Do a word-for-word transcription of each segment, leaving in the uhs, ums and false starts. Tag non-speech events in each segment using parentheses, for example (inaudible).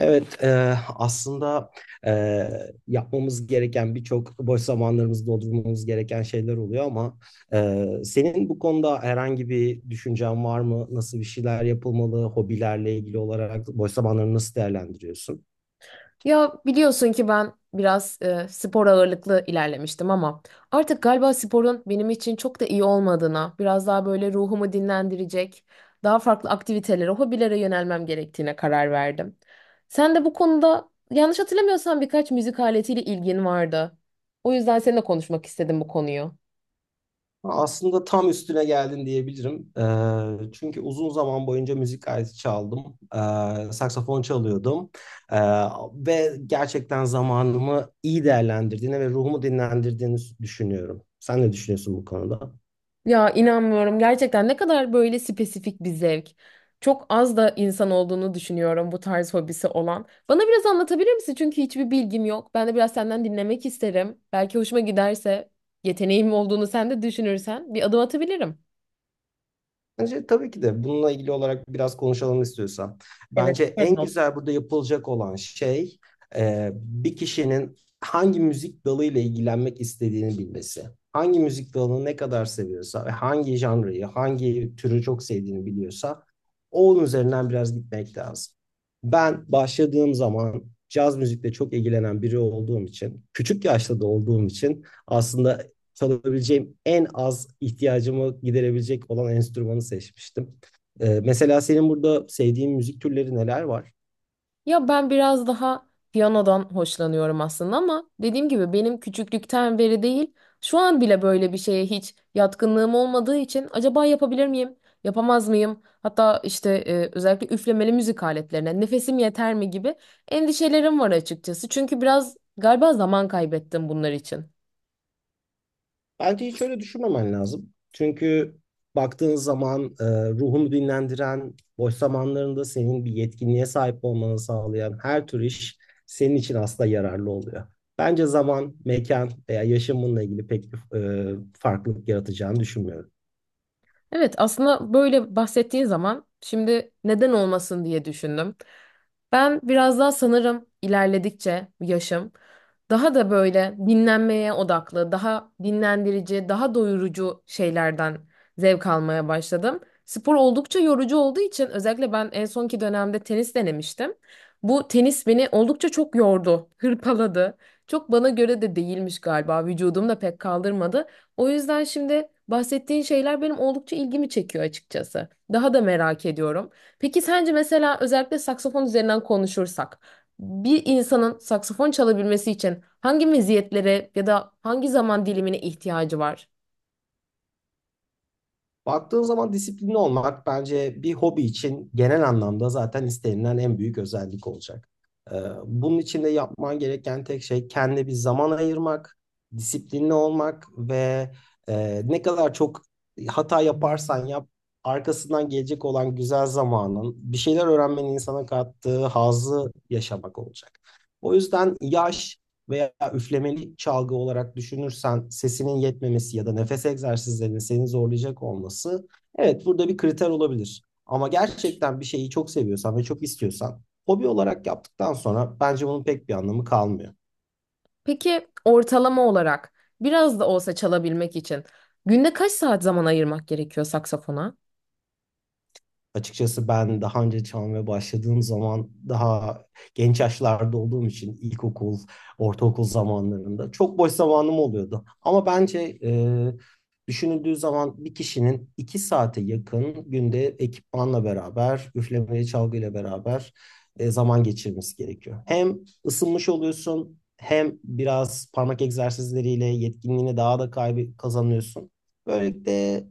Evet, e, aslında e, yapmamız gereken birçok boş zamanlarımızı doldurmamız gereken şeyler oluyor ama e, senin bu konuda herhangi bir düşüncen var mı? Nasıl bir şeyler yapılmalı? Hobilerle ilgili olarak boş zamanlarını nasıl değerlendiriyorsun? Ya biliyorsun ki ben biraz e, spor ağırlıklı ilerlemiştim ama artık galiba sporun benim için çok da iyi olmadığına, biraz daha böyle ruhumu dinlendirecek, daha farklı aktivitelere, hobilere yönelmem gerektiğine karar verdim. Sen de bu konuda yanlış hatırlamıyorsam birkaç müzik aletiyle ilgin vardı. O yüzden seninle konuşmak istedim bu konuyu. Aslında tam üstüne geldin diyebilirim. Ee, çünkü uzun zaman boyunca müzik aleti çaldım. Ee, saksafon çalıyordum. Ee, Ve gerçekten zamanımı iyi değerlendirdiğini ve ruhumu dinlendirdiğini düşünüyorum. Sen ne düşünüyorsun bu konuda? Ya inanmıyorum. Gerçekten ne kadar böyle spesifik bir zevk. Çok az da insan olduğunu düşünüyorum bu tarz hobisi olan. Bana biraz anlatabilir misin? Çünkü hiçbir bilgim yok. Ben de biraz senden dinlemek isterim. Belki hoşuma giderse, yeteneğim olduğunu sen de düşünürsen bir adım atabilirim. Bence tabii ki de bununla ilgili olarak biraz konuşalım istiyorsan. Bence en güzel burada yapılacak olan şey e, bir kişinin hangi müzik dalıyla ilgilenmek istediğini bilmesi. Hangi müzik dalını ne kadar seviyorsa ve hangi janrayı, hangi türü çok sevdiğini biliyorsa onun üzerinden biraz gitmek lazım. Ben başladığım zaman caz müzikle çok ilgilenen biri olduğum için, küçük yaşta da olduğum için aslında çalabileceğim en az ihtiyacımı giderebilecek olan enstrümanı seçmiştim. Ee, mesela senin burada sevdiğin müzik türleri neler var? Ya ben biraz daha piyanodan hoşlanıyorum aslında ama dediğim gibi benim küçüklükten beri değil, şu an bile böyle bir şeye hiç yatkınlığım olmadığı için acaba yapabilir miyim, yapamaz mıyım? Hatta işte e, özellikle üflemeli müzik aletlerine nefesim yeter mi gibi endişelerim var açıkçası. Çünkü biraz galiba zaman kaybettim bunlar için. Bence hiç öyle düşünmemen lazım. Çünkü baktığın zaman e, ruhunu dinlendiren, boş zamanlarında senin bir yetkinliğe sahip olmanı sağlayan her tür iş senin için aslında yararlı oluyor. Bence zaman, mekan veya yaşam bununla ilgili pek bir e, farklılık yaratacağını düşünmüyorum. Evet, aslında böyle bahsettiğin zaman şimdi neden olmasın diye düşündüm. Ben biraz daha sanırım ilerledikçe yaşım daha da böyle dinlenmeye odaklı, daha dinlendirici, daha doyurucu şeylerden zevk almaya başladım. Spor oldukça yorucu olduğu için özellikle ben en sonki dönemde tenis denemiştim. Bu tenis beni oldukça çok yordu, (laughs) hırpaladı. Çok bana göre de değilmiş galiba. Vücudum da pek kaldırmadı. O yüzden şimdi bahsettiğin şeyler benim oldukça ilgimi çekiyor açıkçası. Daha da merak ediyorum. Peki sence mesela özellikle saksafon üzerinden konuşursak bir insanın saksafon çalabilmesi için hangi meziyetlere ya da hangi zaman dilimine ihtiyacı var? Baktığın zaman disiplinli olmak bence bir hobi için genel anlamda zaten istenilen en büyük özellik olacak. Ee, Bunun için de yapman gereken tek şey kendine bir zaman ayırmak, disiplinli olmak ve e, ne kadar çok hata yaparsan yap, arkasından gelecek olan güzel zamanın, bir şeyler öğrenmenin insana kattığı hazzı yaşamak olacak. O yüzden yaş veya üflemeli çalgı olarak düşünürsen sesinin yetmemesi ya da nefes egzersizlerinin seni zorlayacak olması evet burada bir kriter olabilir. Ama gerçekten bir şeyi çok seviyorsan ve çok istiyorsan hobi olarak yaptıktan sonra bence bunun pek bir anlamı kalmıyor. Peki ortalama olarak biraz da olsa çalabilmek için günde kaç saat zaman ayırmak gerekiyor saksafona? Açıkçası ben daha önce çalmaya başladığım zaman daha genç yaşlarda olduğum için ilkokul, ortaokul zamanlarında çok boş zamanım oluyordu. Ama bence e, düşünüldüğü zaman bir kişinin iki saate yakın günde ekipmanla beraber, üflemeli çalgıyla beraber e, zaman geçirmesi gerekiyor. Hem ısınmış oluyorsun hem biraz parmak egzersizleriyle yetkinliğini daha da kaybı kazanıyorsun. Böylelikle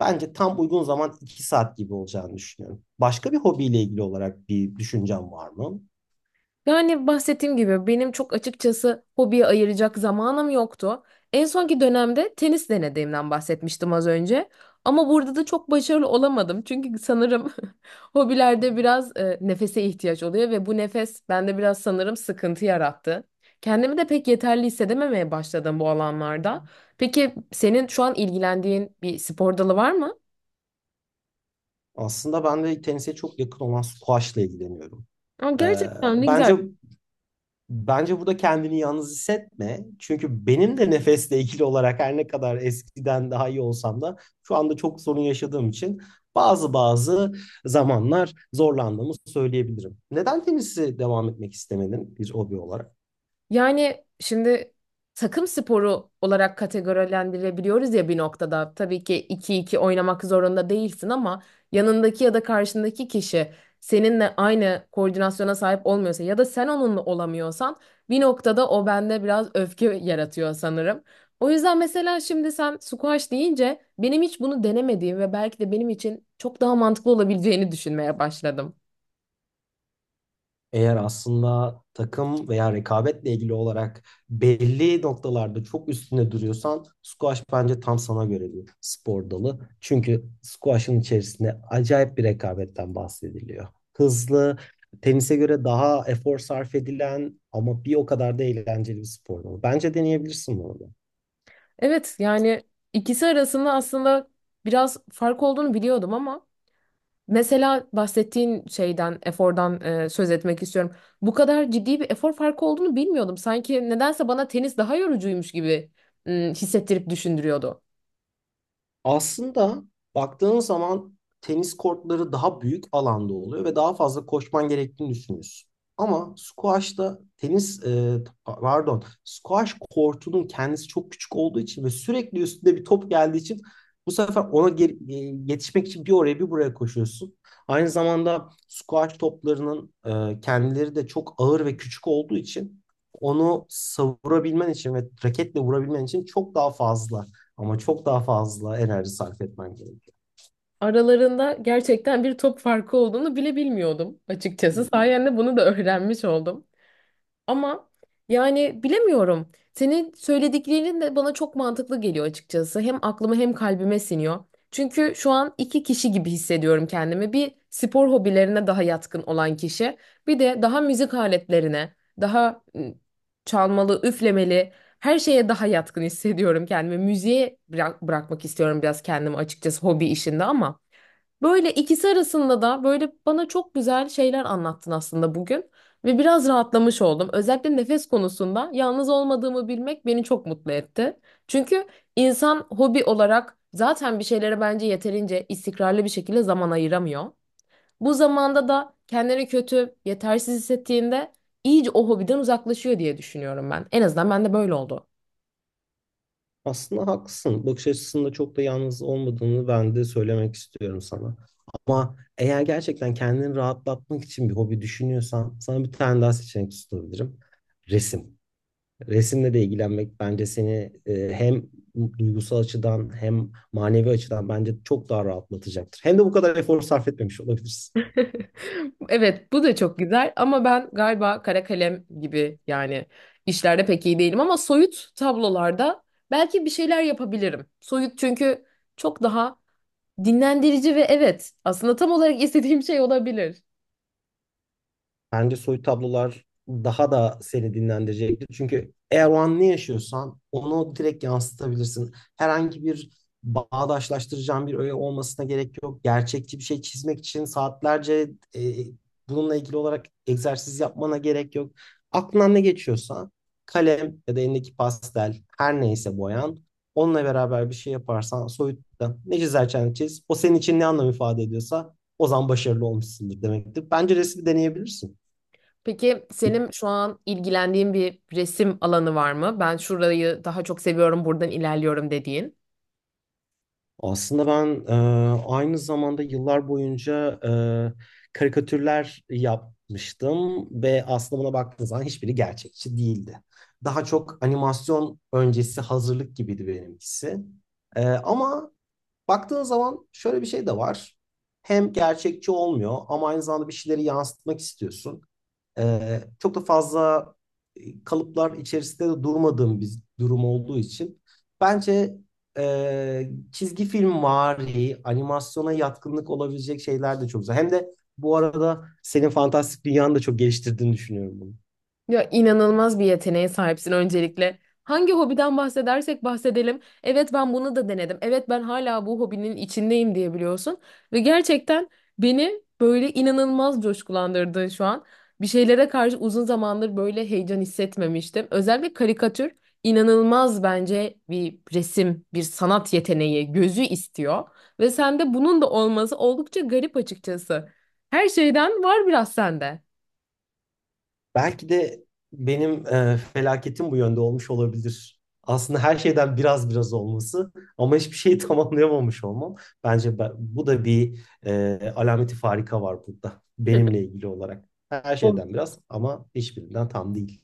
bence tam uygun zaman iki saat gibi olacağını düşünüyorum. Başka bir hobiyle ilgili olarak bir düşüncem var mı? Yani bahsettiğim gibi benim çok açıkçası hobiye ayıracak zamanım yoktu. En sonki dönemde tenis denediğimden bahsetmiştim az önce. Ama burada da çok başarılı olamadım. Çünkü sanırım (laughs) hobilerde biraz e, nefese ihtiyaç oluyor ve bu nefes bende biraz sanırım sıkıntı yarattı. Kendimi de pek yeterli hissedememeye başladım bu alanlarda. Peki senin şu an ilgilendiğin bir spor dalı var mı? Aslında ben de tenise çok yakın olan squash'la ilgileniyorum. Aa, Ee, gerçekten ne güzel. bence bence burada kendini yalnız hissetme. Çünkü benim de nefesle ilgili olarak her ne kadar eskiden daha iyi olsam da şu anda çok sorun yaşadığım için bazı bazı zamanlar zorlandığımı söyleyebilirim. Neden tenisi devam etmek istemedin bir hobi olarak? Yani şimdi takım sporu olarak kategorilendirebiliyoruz ya bir noktada. Tabii ki iki iki oynamak zorunda değilsin ama yanındaki ya da karşındaki kişi seninle aynı koordinasyona sahip olmuyorsa ya da sen onunla olamıyorsan bir noktada o bende biraz öfke yaratıyor sanırım. O yüzden mesela şimdi sen squash deyince benim hiç bunu denemediğim ve belki de benim için çok daha mantıklı olabileceğini düşünmeye başladım. Eğer aslında takım veya rekabetle ilgili olarak belli noktalarda çok üstüne duruyorsan squash bence tam sana göre bir spor dalı. Çünkü squash'ın içerisinde acayip bir rekabetten bahsediliyor. Hızlı, tenise göre daha efor sarf edilen ama bir o kadar da eğlenceli bir spor dalı. Bence deneyebilirsin bunu. Evet yani ikisi arasında aslında biraz fark olduğunu biliyordum ama mesela bahsettiğin şeyden efordan e, söz etmek istiyorum. Bu kadar ciddi bir efor farkı olduğunu bilmiyordum. Sanki nedense bana tenis daha yorucuymuş gibi m, hissettirip düşündürüyordu. Aslında baktığın zaman tenis kortları daha büyük alanda oluyor ve daha fazla koşman gerektiğini düşünüyorsun. Ama squash'ta tenis e, pardon squash kortunun kendisi çok küçük olduğu için ve sürekli üstünde bir top geldiği için bu sefer ona ge- e, yetişmek için bir oraya bir buraya koşuyorsun. Aynı zamanda squash toplarının e, kendileri de çok ağır ve küçük olduğu için onu savurabilmen için ve raketle vurabilmen için çok daha fazla ama çok daha fazla enerji sarf etmen gerekiyor. Aralarında gerçekten bir top farkı olduğunu bile bilmiyordum açıkçası. Sayende bunu da öğrenmiş oldum. Ama yani bilemiyorum. Senin söylediklerin de bana çok mantıklı geliyor açıkçası. Hem aklıma hem kalbime siniyor. Çünkü şu an iki kişi gibi hissediyorum kendimi. Bir spor hobilerine daha yatkın olan kişi, bir de daha müzik aletlerine, daha ıı, çalmalı, üflemeli her şeye daha yatkın hissediyorum kendimi. Müziğe bırak- bırakmak istiyorum biraz kendimi açıkçası hobi işinde ama. Böyle ikisi arasında da böyle bana çok güzel şeyler anlattın aslında bugün ve biraz rahatlamış oldum. Özellikle nefes konusunda yalnız olmadığımı bilmek beni çok mutlu etti. Çünkü insan hobi olarak zaten bir şeylere bence yeterince istikrarlı bir şekilde zaman ayıramıyor. Bu zamanda da kendini kötü, yetersiz hissettiğinde iyice o hobiden uzaklaşıyor diye düşünüyorum ben. En azından bende böyle oldu. Aslında haklısın. Bakış açısında çok da yalnız olmadığını ben de söylemek istiyorum sana. Ama eğer gerçekten kendini rahatlatmak için bir hobi düşünüyorsan sana bir tane daha seçenek sunabilirim. Resim. Resimle de ilgilenmek bence seni e, hem duygusal açıdan hem manevi açıdan bence çok daha rahatlatacaktır. Hem de bu kadar efor sarf etmemiş olabilirsin. (laughs) Evet, bu da çok güzel ama ben galiba kara kalem gibi yani işlerde pek iyi değilim ama soyut tablolarda belki bir şeyler yapabilirim. Soyut çünkü çok daha dinlendirici ve evet aslında tam olarak (laughs) istediğim şey olabilir. Bence soyut tablolar daha da seni dinlendirecektir. Çünkü eğer o an ne yaşıyorsan onu direkt yansıtabilirsin. Herhangi bir bağdaşlaştıracağın bir öğe olmasına gerek yok. Gerçekçi bir şey çizmek için saatlerce e, bununla ilgili olarak egzersiz yapmana gerek yok. Aklından ne geçiyorsa kalem ya da elindeki pastel her neyse boyan onunla beraber bir şey yaparsan soyutta ne çizersen çiz. O senin için ne anlam ifade ediyorsa o zaman başarılı olmuşsundur demektir. Bence resmi deneyebilirsin. Peki senin şu an ilgilendiğin bir resim alanı var mı? Ben şurayı daha çok seviyorum, buradan ilerliyorum dediğin. Aslında ben e, aynı zamanda yıllar boyunca e, karikatürler yapmıştım ve aslında buna baktığınız zaman hiçbiri gerçekçi değildi. Daha çok animasyon öncesi hazırlık gibiydi benimkisi. E, ama baktığın zaman şöyle bir şey de var. Hem gerçekçi olmuyor ama aynı zamanda bir şeyleri yansıtmak istiyorsun. Ee, çok da fazla e, kalıplar içerisinde de durmadığım bir durum olduğu için bence e, çizgi film vari, animasyona yatkınlık olabilecek şeyler de çok güzel. Hem de bu arada senin fantastik dünyanı da çok geliştirdiğini düşünüyorum bunu. Ya inanılmaz bir yeteneğe sahipsin öncelikle. Hangi hobiden bahsedersek bahsedelim. Evet ben bunu da denedim. Evet ben hala bu hobinin içindeyim diyebiliyorsun. Ve gerçekten beni böyle inanılmaz coşkulandırdın şu an. Bir şeylere karşı uzun zamandır böyle heyecan hissetmemiştim. Özellikle karikatür inanılmaz bence bir resim, bir sanat yeteneği, gözü istiyor. Ve sende bunun da olması oldukça garip açıkçası. Her şeyden var biraz sende. Belki de benim e, felaketim bu yönde olmuş olabilir. Aslında her şeyden biraz biraz olması ama hiçbir şeyi (laughs) tamamlayamamış olmam. Bence ben- bu da bir e, alameti farika var burada benimle (laughs) ilgili olarak. Her şeyden biraz ama hiçbirinden tam değil.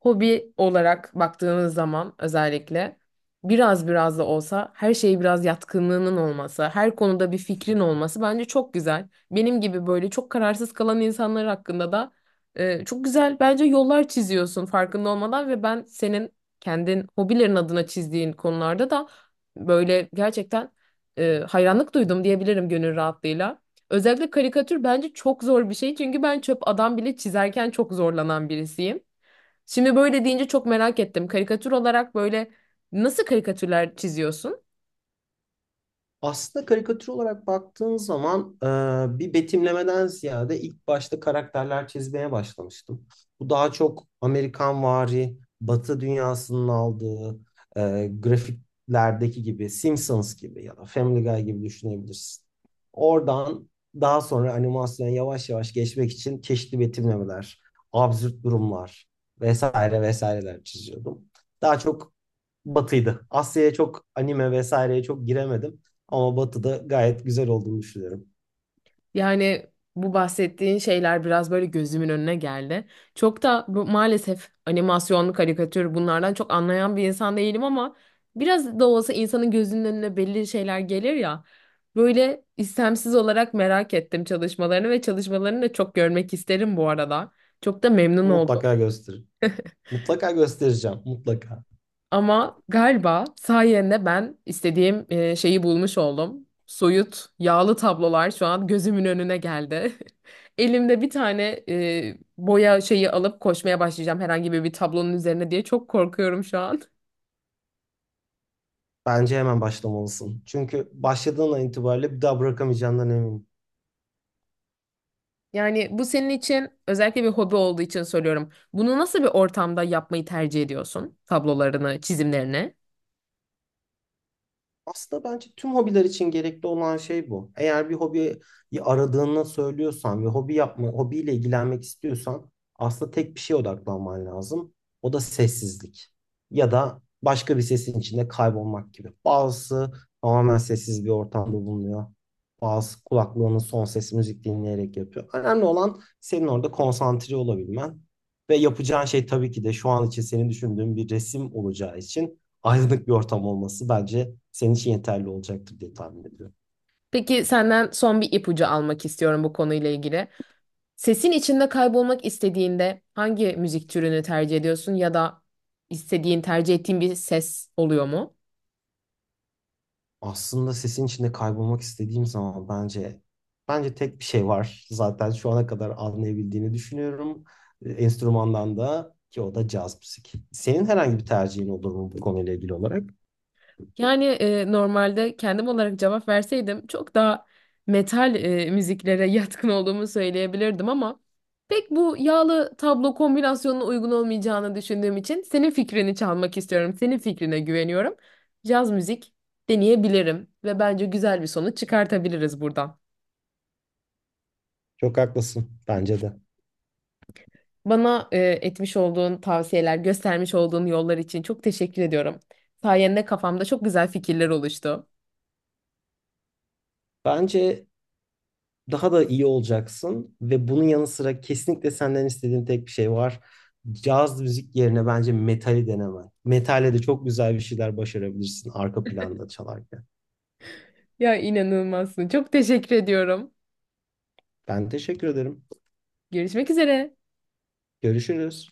hobi olarak baktığımız zaman özellikle biraz biraz da olsa her şeye biraz yatkınlığının olması, her konuda bir fikrin olması bence çok güzel. Benim gibi böyle çok kararsız kalan insanlar hakkında da e, çok güzel bence yollar çiziyorsun farkında olmadan ve ben senin kendin hobilerin adına çizdiğin konularda da böyle gerçekten e, hayranlık duydum diyebilirim gönül rahatlığıyla. Özellikle karikatür bence çok zor bir şey çünkü ben çöp adam bile çizerken çok zorlanan birisiyim. Şimdi böyle deyince çok merak ettim. Karikatür olarak böyle nasıl karikatürler çiziyorsun? Aslında karikatür olarak baktığın zaman e, bir betimlemeden ziyade ilk başta karakterler çizmeye başlamıştım. Bu daha çok Amerikanvari, Batı dünyasının aldığı e, grafiklerdeki gibi Simpsons gibi ya da Family Guy gibi düşünebilirsin. Oradan daha sonra animasyona yavaş yavaş geçmek için çeşitli betimlemeler, absürt durumlar vesaire vesaireler çiziyordum. Daha çok Batı'ydı. Asya'ya çok anime vesaireye çok giremedim. Ama Batı'da gayet güzel olduğunu düşünüyorum. Yani bu bahsettiğin şeyler biraz böyle gözümün önüne geldi. Çok da bu, maalesef animasyonlu karikatür bunlardan çok anlayan bir insan değilim ama biraz da olsa insanın gözünün önüne belli şeyler gelir ya. Böyle istemsiz olarak merak ettim çalışmalarını ve çalışmalarını da çok görmek isterim bu arada. Çok da memnun oldum. Mutlaka gösterir. Mutlaka göstereceğim. Mutlaka. Ama galiba sayende ben istediğim e, şeyi bulmuş oldum. Soyut, yağlı tablolar şu an gözümün önüne geldi. (laughs) Elimde bir tane e, boya şeyi alıp koşmaya başlayacağım herhangi bir, bir tablonun üzerine diye çok korkuyorum şu an. Bence hemen başlamalısın. Çünkü başladığın an itibariyle bir daha bırakamayacağından eminim. Yani bu senin için özellikle bir hobi olduğu için soruyorum. Bunu nasıl bir ortamda yapmayı tercih ediyorsun? Tablolarını, çizimlerini? Aslında bence tüm hobiler için gerekli olan şey bu. Eğer bir hobiyi aradığını söylüyorsan ve hobi yapma, hobiyle ilgilenmek istiyorsan aslında tek bir şeye odaklanman lazım. O da sessizlik. Ya da başka bir sesin içinde kaybolmak gibi. Bazısı tamamen sessiz bir ortamda bulunuyor. Bazısı kulaklığının son ses müzik dinleyerek yapıyor. Önemli olan senin orada konsantre olabilmen. Ve yapacağın şey tabii ki de şu an için senin düşündüğün bir resim olacağı için aydınlık bir ortam olması bence senin için yeterli olacaktır diye tahmin ediyorum. Peki senden son bir ipucu almak istiyorum bu konuyla ilgili. Sesin içinde kaybolmak istediğinde hangi müzik türünü tercih ediyorsun ya da istediğin, tercih ettiğin bir ses oluyor mu? Aslında sesin içinde kaybolmak istediğim zaman bence bence tek bir şey var. Zaten şu ana kadar anlayabildiğini düşünüyorum. E, Enstrümandan da ki o da caz müzik. Senin herhangi bir tercihin olur mu bu konuyla ilgili olarak? Yani e, normalde kendim olarak cevap verseydim çok daha metal e, müziklere (laughs) yatkın olduğumu söyleyebilirdim ama pek bu yağlı tablo kombinasyonuna uygun olmayacağını düşündüğüm için senin fikrini çalmak istiyorum. Senin fikrine güveniyorum. Caz müzik deneyebilirim ve bence güzel bir sonuç çıkartabiliriz buradan. Çok haklısın. Bence de. Bana e, etmiş olduğun tavsiyeler, göstermiş olduğun yollar için çok teşekkür ediyorum. Sayende kafamda çok güzel fikirler oluştu. Bence daha da iyi olacaksın ve bunun yanı sıra kesinlikle senden istediğim tek bir şey var. Caz müzik yerine bence metali denemen. Metale de çok güzel bir şeyler başarabilirsin arka planda çalarken. Ya inanılmazsın. Çok teşekkür ediyorum. Ben teşekkür ederim. Görüşmek üzere. Görüşürüz.